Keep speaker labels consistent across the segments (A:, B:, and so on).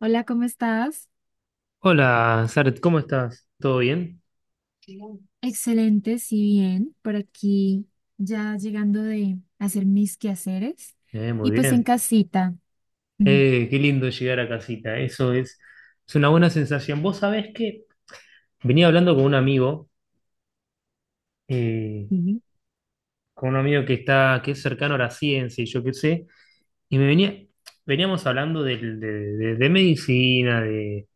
A: Hola, ¿cómo estás?
B: Hola, Saret, ¿cómo estás? ¿Todo bien?
A: Bien. Excelente, sí, bien. Por aquí ya llegando de hacer mis quehaceres
B: Muy
A: y pues en
B: bien.
A: casita. Ujú,
B: Qué lindo llegar a casita, eso es, una buena sensación. Vos sabés que venía hablando con un amigo, eh,
A: sí,
B: que es cercano a la ciencia y yo qué sé, y veníamos hablando de medicina,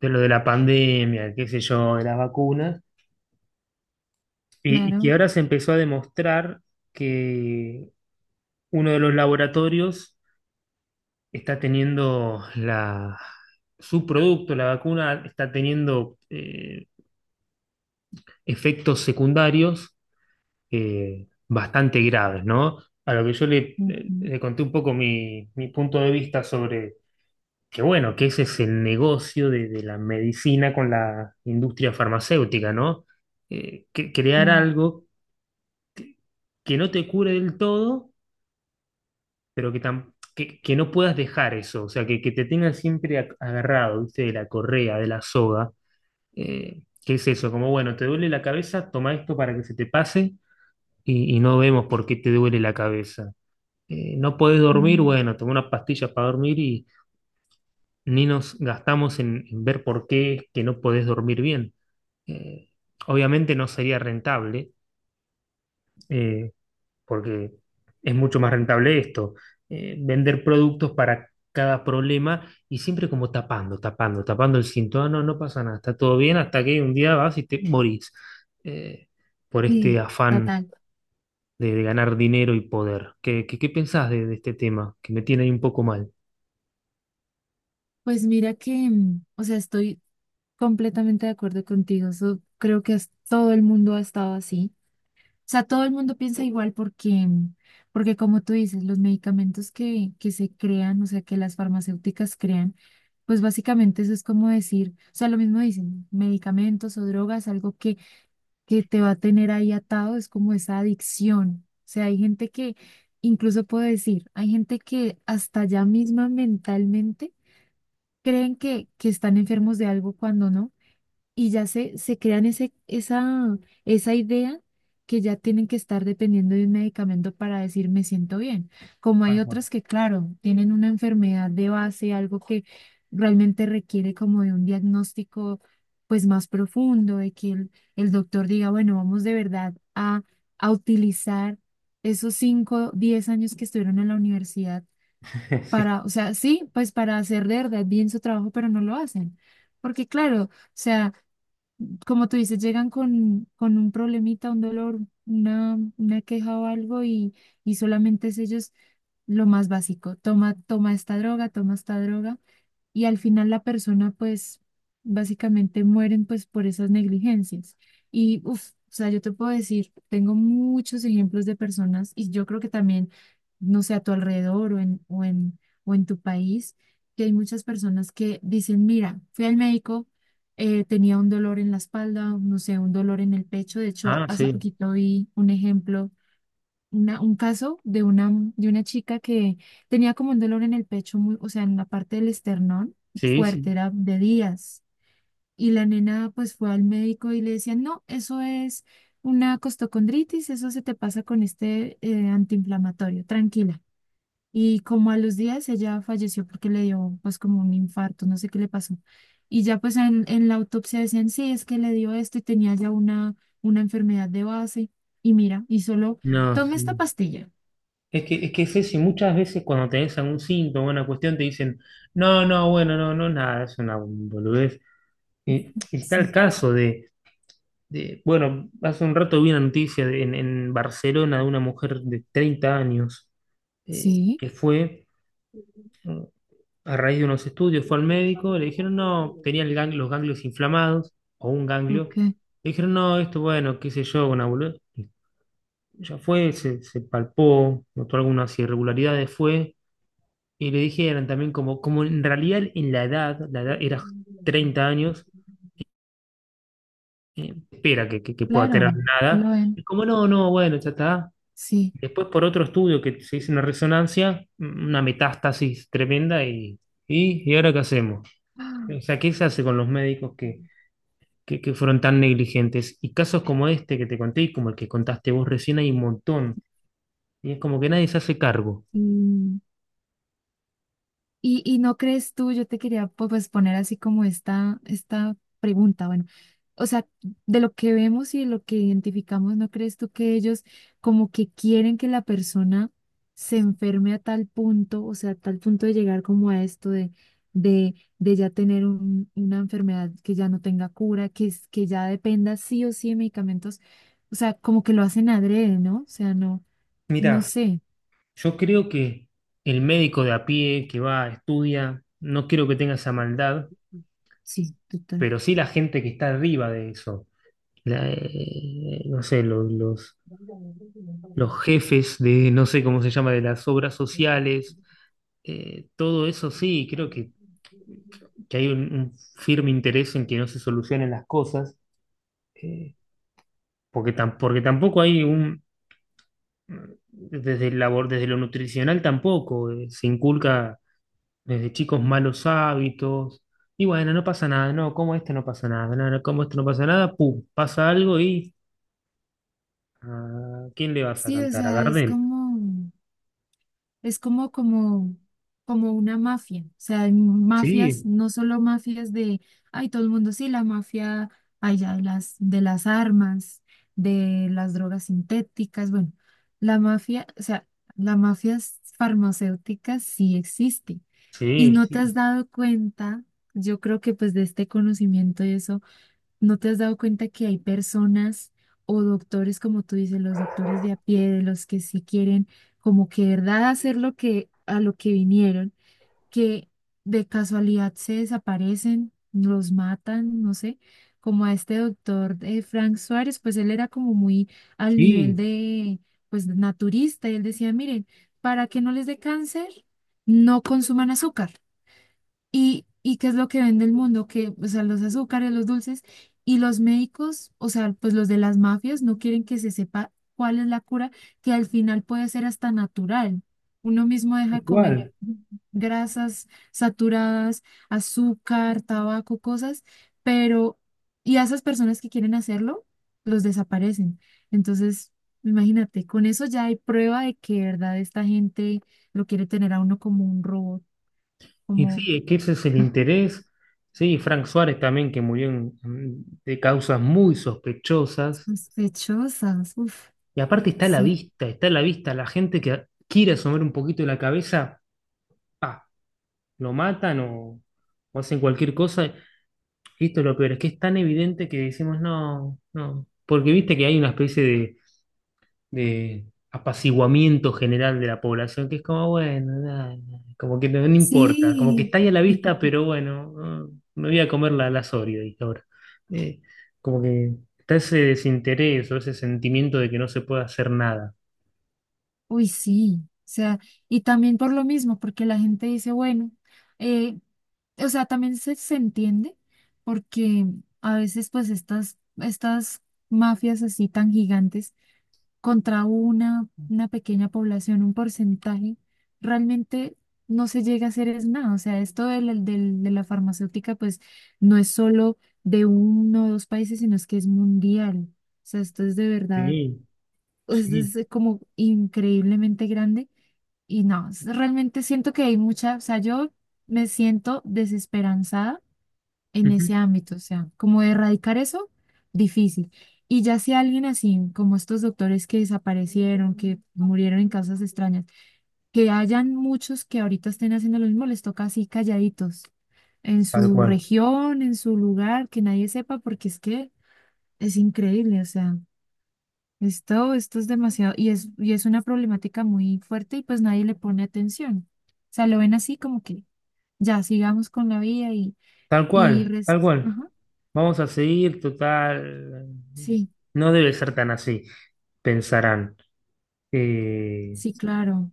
B: de lo de la pandemia, qué sé yo, de las vacunas, y que
A: claro.
B: ahora se empezó a demostrar que uno de los laboratorios está teniendo su producto, la vacuna, está teniendo efectos secundarios, bastante graves, ¿no? A lo que yo le,
A: Ujú,
B: le conté un poco mi punto de vista sobre que, bueno, que ese es el negocio de la medicina con la industria farmacéutica, ¿no? Crear
A: claro.
B: algo que no te cure del todo, pero que no puedas dejar eso, o sea, que te tengan siempre agarrado, ¿viste? De la correa, de la soga. ¿Qué es eso? Como, bueno, te duele la cabeza, toma esto para que se te pase y no vemos por qué te duele la cabeza. No podés dormir,
A: Mm,
B: bueno, toma una pastilla para dormir y ni nos gastamos en ver por qué es que no podés dormir bien. Eh, Obviamente no sería rentable, eh, porque es mucho más rentable esto, vender productos para cada problema y siempre como tapando, tapando, tapando el síntoma, no, no pasa nada, está todo bien hasta que un día vas y te morís, eh, por
A: sí,
B: este afán
A: total.
B: de ganar dinero y poder. ¿Qué pensás de este tema? Que me tiene ahí un poco mal.
A: Pues mira que, o sea, estoy completamente de acuerdo contigo. Creo que todo el mundo ha estado así. Sea, todo el mundo piensa igual porque, porque como tú dices, los medicamentos que se crean, o sea, que las farmacéuticas crean, pues básicamente eso es como decir, o sea, lo mismo dicen, medicamentos o drogas, algo que te va a tener ahí atado, es como esa adicción. O sea, hay gente que, incluso puedo decir, hay gente que hasta ya misma mentalmente creen que están enfermos de algo cuando no, y ya se crean esa idea que ya tienen que estar dependiendo de un medicamento para decir me siento bien. Como hay
B: Tal cual.
A: otras que, claro, tienen una enfermedad de base, algo que realmente requiere como de un diagnóstico pues más profundo, de que el doctor diga, bueno, vamos de verdad a utilizar esos 5 10 años que estuvieron en la universidad
B: Sí.
A: para, o sea, sí, pues para hacer de verdad bien su trabajo, pero no lo hacen. Porque claro, o sea, como tú dices, llegan con un problemita, un dolor, una queja o algo y solamente es ellos lo más básico. Toma, toma esta droga, toma esta droga, y al final la persona pues básicamente mueren pues por esas negligencias. Y uff, o sea, yo te puedo decir, tengo muchos ejemplos de personas y yo creo que también, no sé, a tu alrededor o en tu país, que hay muchas personas que dicen, mira, fui al médico, tenía un dolor en la espalda, no sé, un dolor en el pecho. De hecho,
B: Ah,
A: hace
B: sí,
A: poquito vi un ejemplo un caso de una chica que tenía como un dolor en el pecho, muy, o sea, en la parte del esternón
B: sí,
A: fuerte,
B: sí.
A: era de días. Y la nena pues fue al médico y le decían, no, eso es una costocondritis, eso se te pasa con este antiinflamatorio, tranquila. Y como a los días ella falleció porque le dio pues como un infarto, no sé qué le pasó. Y ya pues en la autopsia decían, sí, es que le dio esto y tenía ya una enfermedad de base. Y mira, y solo
B: No,
A: tome esta
B: sí.
A: pastilla.
B: Es que es eso, y muchas veces cuando tenés algún síntoma, una cuestión, te dicen, no, no, bueno, no, no, nada, es una boludez. Y, está
A: Sí,
B: el caso bueno, hace un rato vi una noticia en Barcelona de una mujer de 30 años,
A: sí,
B: que fue, eh, a raíz de unos estudios, fue al médico, le dijeron, no, tenía los ganglios inflamados o un
A: ok,
B: ganglio. Le dijeron, no, esto, bueno, qué sé yo, una boludez. Ya fue, se palpó, notó algunas irregularidades, fue, y le dijeron también como en realidad en la edad era 30 años, espera que pueda tener
A: claro,
B: nada.
A: lo
B: Y
A: en,
B: como no, no, bueno, ya está.
A: sí.
B: Después por otro estudio que se hizo una resonancia, una metástasis tremenda, ¿y ahora qué hacemos?
A: Ah,
B: O sea, ¿qué se hace con los médicos que fueron tan negligentes? Y casos como este que te conté y como el que contaste vos recién hay un montón. Y es como que nadie se hace cargo.
A: mm, y no crees tú, yo te quería pues poner así como esta pregunta, bueno, o sea, de lo que vemos y de lo que identificamos, ¿no crees tú que ellos como que quieren que la persona se enferme a tal punto, o sea, a tal punto de llegar como a esto de, de ya tener una enfermedad que ya no tenga cura, que, que ya dependa sí o sí de medicamentos, o sea, como que lo hacen adrede, ¿no? O sea, no, no
B: Mira,
A: sé.
B: yo creo que el médico de a pie que va, estudia, no quiero que tenga esa maldad,
A: Sí, total.
B: pero sí la gente que está arriba de eso no sé, los jefes de, no sé cómo se llama, de las obras sociales, todo eso sí, creo que hay un firme interés en que no se solucionen las cosas, eh, porque tampoco hay desde el labor, desde lo nutricional tampoco, se inculca desde chicos malos hábitos. Y bueno, no pasa nada, no, como esto no pasa nada, no, no, como esto no pasa nada, pum, pasa algo y ¿a quién le vas a Sí,
A: Sí, o
B: cantar? ¿A sí.
A: sea, es
B: Gardel?
A: como, es como, como, como una mafia. O sea, hay mafias,
B: Sí,
A: no solo mafias de, ay, todo el mundo, sí, la mafia, ay, ya, de las armas, de las drogas sintéticas, bueno, la mafia, o sea, la mafia farmacéutica sí existe. Y
B: sí,
A: no te
B: sí,
A: has dado cuenta, yo creo que pues de este conocimiento y eso ¿no te has dado cuenta que hay personas o doctores, como tú dices, los doctores de a pie, de los que sí quieren como que de verdad hacer lo que a lo que vinieron, que de casualidad se desaparecen, los matan, no sé, como a este doctor Frank Suárez, pues él era como muy al nivel
B: sí,
A: de pues naturista, y él decía, miren, para que no les dé cáncer, no consuman azúcar. Y qué es lo que vende el mundo? Que, o sea, los azúcares, los dulces y los médicos, o sea, pues los de las mafias no quieren que se sepa cuál es la cura, que al final puede ser hasta natural. Uno mismo deja
B: tal
A: de comer
B: cual.
A: grasas saturadas, azúcar, tabaco, cosas, pero, y a esas personas que quieren hacerlo, los desaparecen. Entonces, imagínate, con eso ya hay prueba de que, de verdad, esta gente lo quiere tener a uno como un robot,
B: Y
A: como...
B: sí, es que ese es el interés. Sí, Frank Suárez también, que murió de causas muy sospechosas.
A: Sospechosas, uf,
B: Y aparte está a la
A: sí,
B: vista, está a la vista la gente que quiere asomar un poquito la cabeza, pa, lo matan o hacen cualquier cosa. Y esto es lo peor, es que es tan evidente que decimos, no, no. Porque viste que hay una especie de apaciguamiento general de la población, que es como, bueno, nada, nada, como que no importa, como que
A: sí,
B: está ahí a la vista, pero bueno, no, me voy a comer la Oreo, dije ahora. Eh, Como que está ese desinterés o ese sentimiento de que no se puede hacer nada.
A: uy, sí, o sea, y también por lo mismo, porque la gente dice, bueno, eh, o sea, también se entiende, porque a veces pues estas mafias así tan gigantes, contra una pequeña población, un porcentaje, realmente no se llega a hacer es nada. O sea, esto de la, de la farmacéutica, pues no es solo de uno o dos países, sino es que es mundial. O sea, esto es de verdad,
B: Sí,
A: esto
B: sí,
A: es como increíblemente grande. Y no, realmente siento que hay mucha, o sea, yo me siento desesperanzada en
B: ujú,
A: ese ámbito, o sea, como erradicar eso, difícil. Y ya si alguien así, como estos doctores que desaparecieron, que murieron en causas extrañas, que hayan muchos que ahorita estén haciendo lo mismo, les toca así calladitos, en
B: tal
A: su
B: cual,
A: región, en su lugar, que nadie sepa, porque es que es increíble, o sea, esto es demasiado, y es una problemática muy fuerte y pues nadie le pone atención. O sea, lo ven así como que ya sigamos con la vida
B: tal
A: y
B: cual,
A: res-
B: tal cual.
A: Ajá,
B: Vamos a seguir, total.
A: sí.
B: No debe ser tan así, pensarán. Eh,
A: Sí, claro.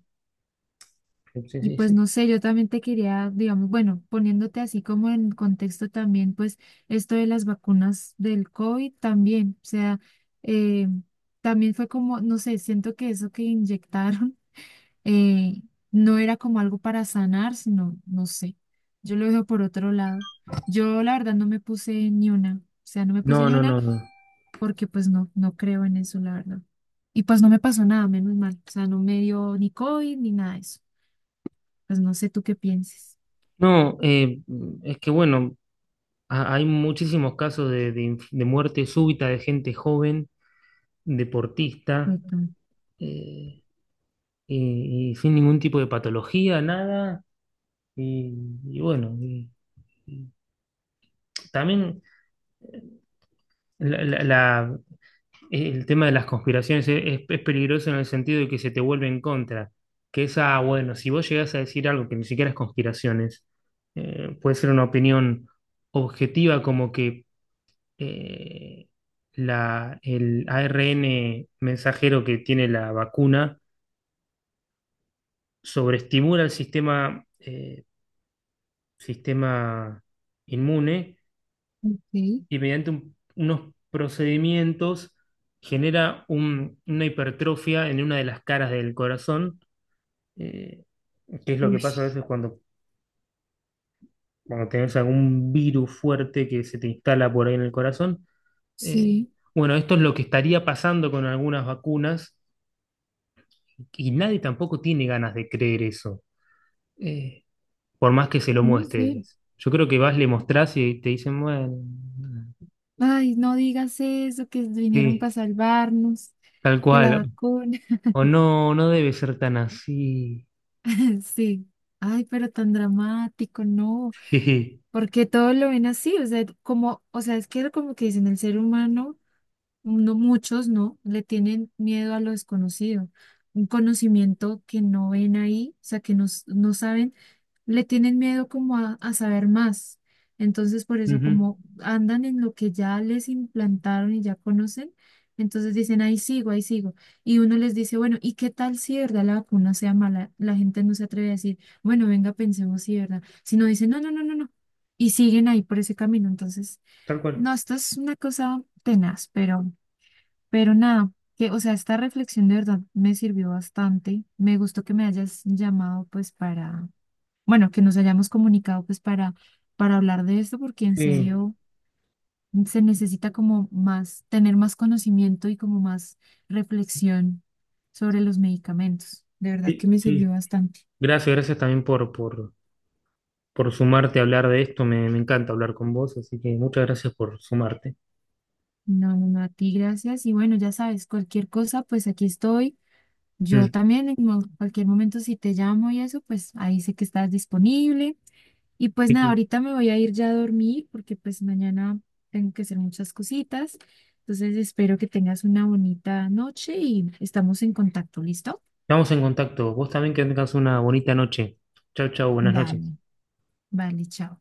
B: sí,
A: Y
B: sí,
A: pues
B: sí.
A: no sé, yo también te quería, digamos, bueno, poniéndote así como en contexto también, pues esto de las vacunas del COVID también, o sea, eh, también fue como, no sé, siento que eso que inyectaron eh, no era como algo para sanar, sino, no sé, yo lo dejo por otro lado. Yo la verdad no me puse ni una, o sea, no me puse
B: No,
A: ni
B: no,
A: una
B: no, no.
A: porque pues no, no creo en eso, la verdad. Y pues no me pasó nada, menos mal, o sea, no me dio ni COVID ni nada de eso. Pues no sé tú qué pienses.
B: No, es que bueno, hay muchísimos casos de muerte súbita de gente joven, deportista,
A: Total.
B: eh, y sin ningún tipo de patología, nada. Y, y bueno, y también la- la- la- el tema de las conspiraciones es peligroso en el sentido de que se te vuelve en contra. Que esa, bueno, si vos llegás a decir algo que ni siquiera es conspiraciones, puede ser una opinión objetiva como que eh, el ARN mensajero que tiene la vacuna sobreestimula el sistema inmune
A: Ok.
B: y mediante unos procedimientos genera una hipertrofia en una de las caras del corazón, eh, que es lo que
A: Uy,
B: pasa a veces cuando tenés algún virus fuerte que se te instala por ahí en el corazón. Eh,
A: sí,
B: bueno, esto es lo que estaría pasando con algunas vacunas y nadie tampoco tiene ganas de creer eso, eh, por más que se lo
A: mm, sí.
B: muestres. Yo creo que vas, le mostrás y te dicen, bueno,
A: Ay, no digas eso, que vinieron para
B: sí,
A: salvarnos,
B: tal
A: que la
B: cual.
A: vacuna.
B: O no, no debe ser tan así.
A: Sí. Ay, pero tan dramático, no.
B: Jeje.
A: Porque todo lo ven así, o sea, como, o sea, es que era como que dicen el ser humano. No, muchos no, le tienen miedo a lo desconocido, un conocimiento que no ven ahí, o sea, que no, no saben, le tienen miedo como a saber más. Entonces, por eso,
B: Ujú,
A: como andan en lo que ya les implantaron y ya conocen, entonces dicen, ahí sigo, ahí sigo. Y uno les dice, bueno, ¿y qué tal si de verdad la vacuna sea mala? La gente no se atreve a decir, bueno, venga, pensemos si de verdad. Sino dicen, no, no, no, no, no. Y siguen ahí por ese camino. Entonces,
B: tal cual.
A: no, esto es una cosa tenaz, pero... Pero nada, que, o sea, esta reflexión de verdad me sirvió bastante. Me gustó que me hayas llamado, pues, para, bueno, que nos hayamos comunicado, pues, para hablar de esto, porque en
B: Sí,
A: serio se necesita como más, tener más conocimiento y como más reflexión sobre los medicamentos. De verdad que
B: sí,
A: me
B: sí.
A: sirvió bastante.
B: Gracias, gracias también por sumarte a hablar de esto. Me encanta hablar con vos, así que muchas gracias por sumarte.
A: No, no, no, a ti gracias. Y bueno, ya sabes, cualquier cosa, pues aquí estoy. Yo
B: Mm,
A: también en cualquier momento si te llamo y eso, pues ahí sé que estás disponible. Y pues
B: sí,
A: nada,
B: sí.
A: ahorita me voy a ir ya a dormir porque pues mañana tengo que hacer muchas cositas. Entonces espero que tengas una bonita noche y estamos en contacto, ¿listo?
B: Estamos en contacto. Vos también que tengas una bonita noche. Chau, chau, buenas noches.
A: Dale, vale, chao.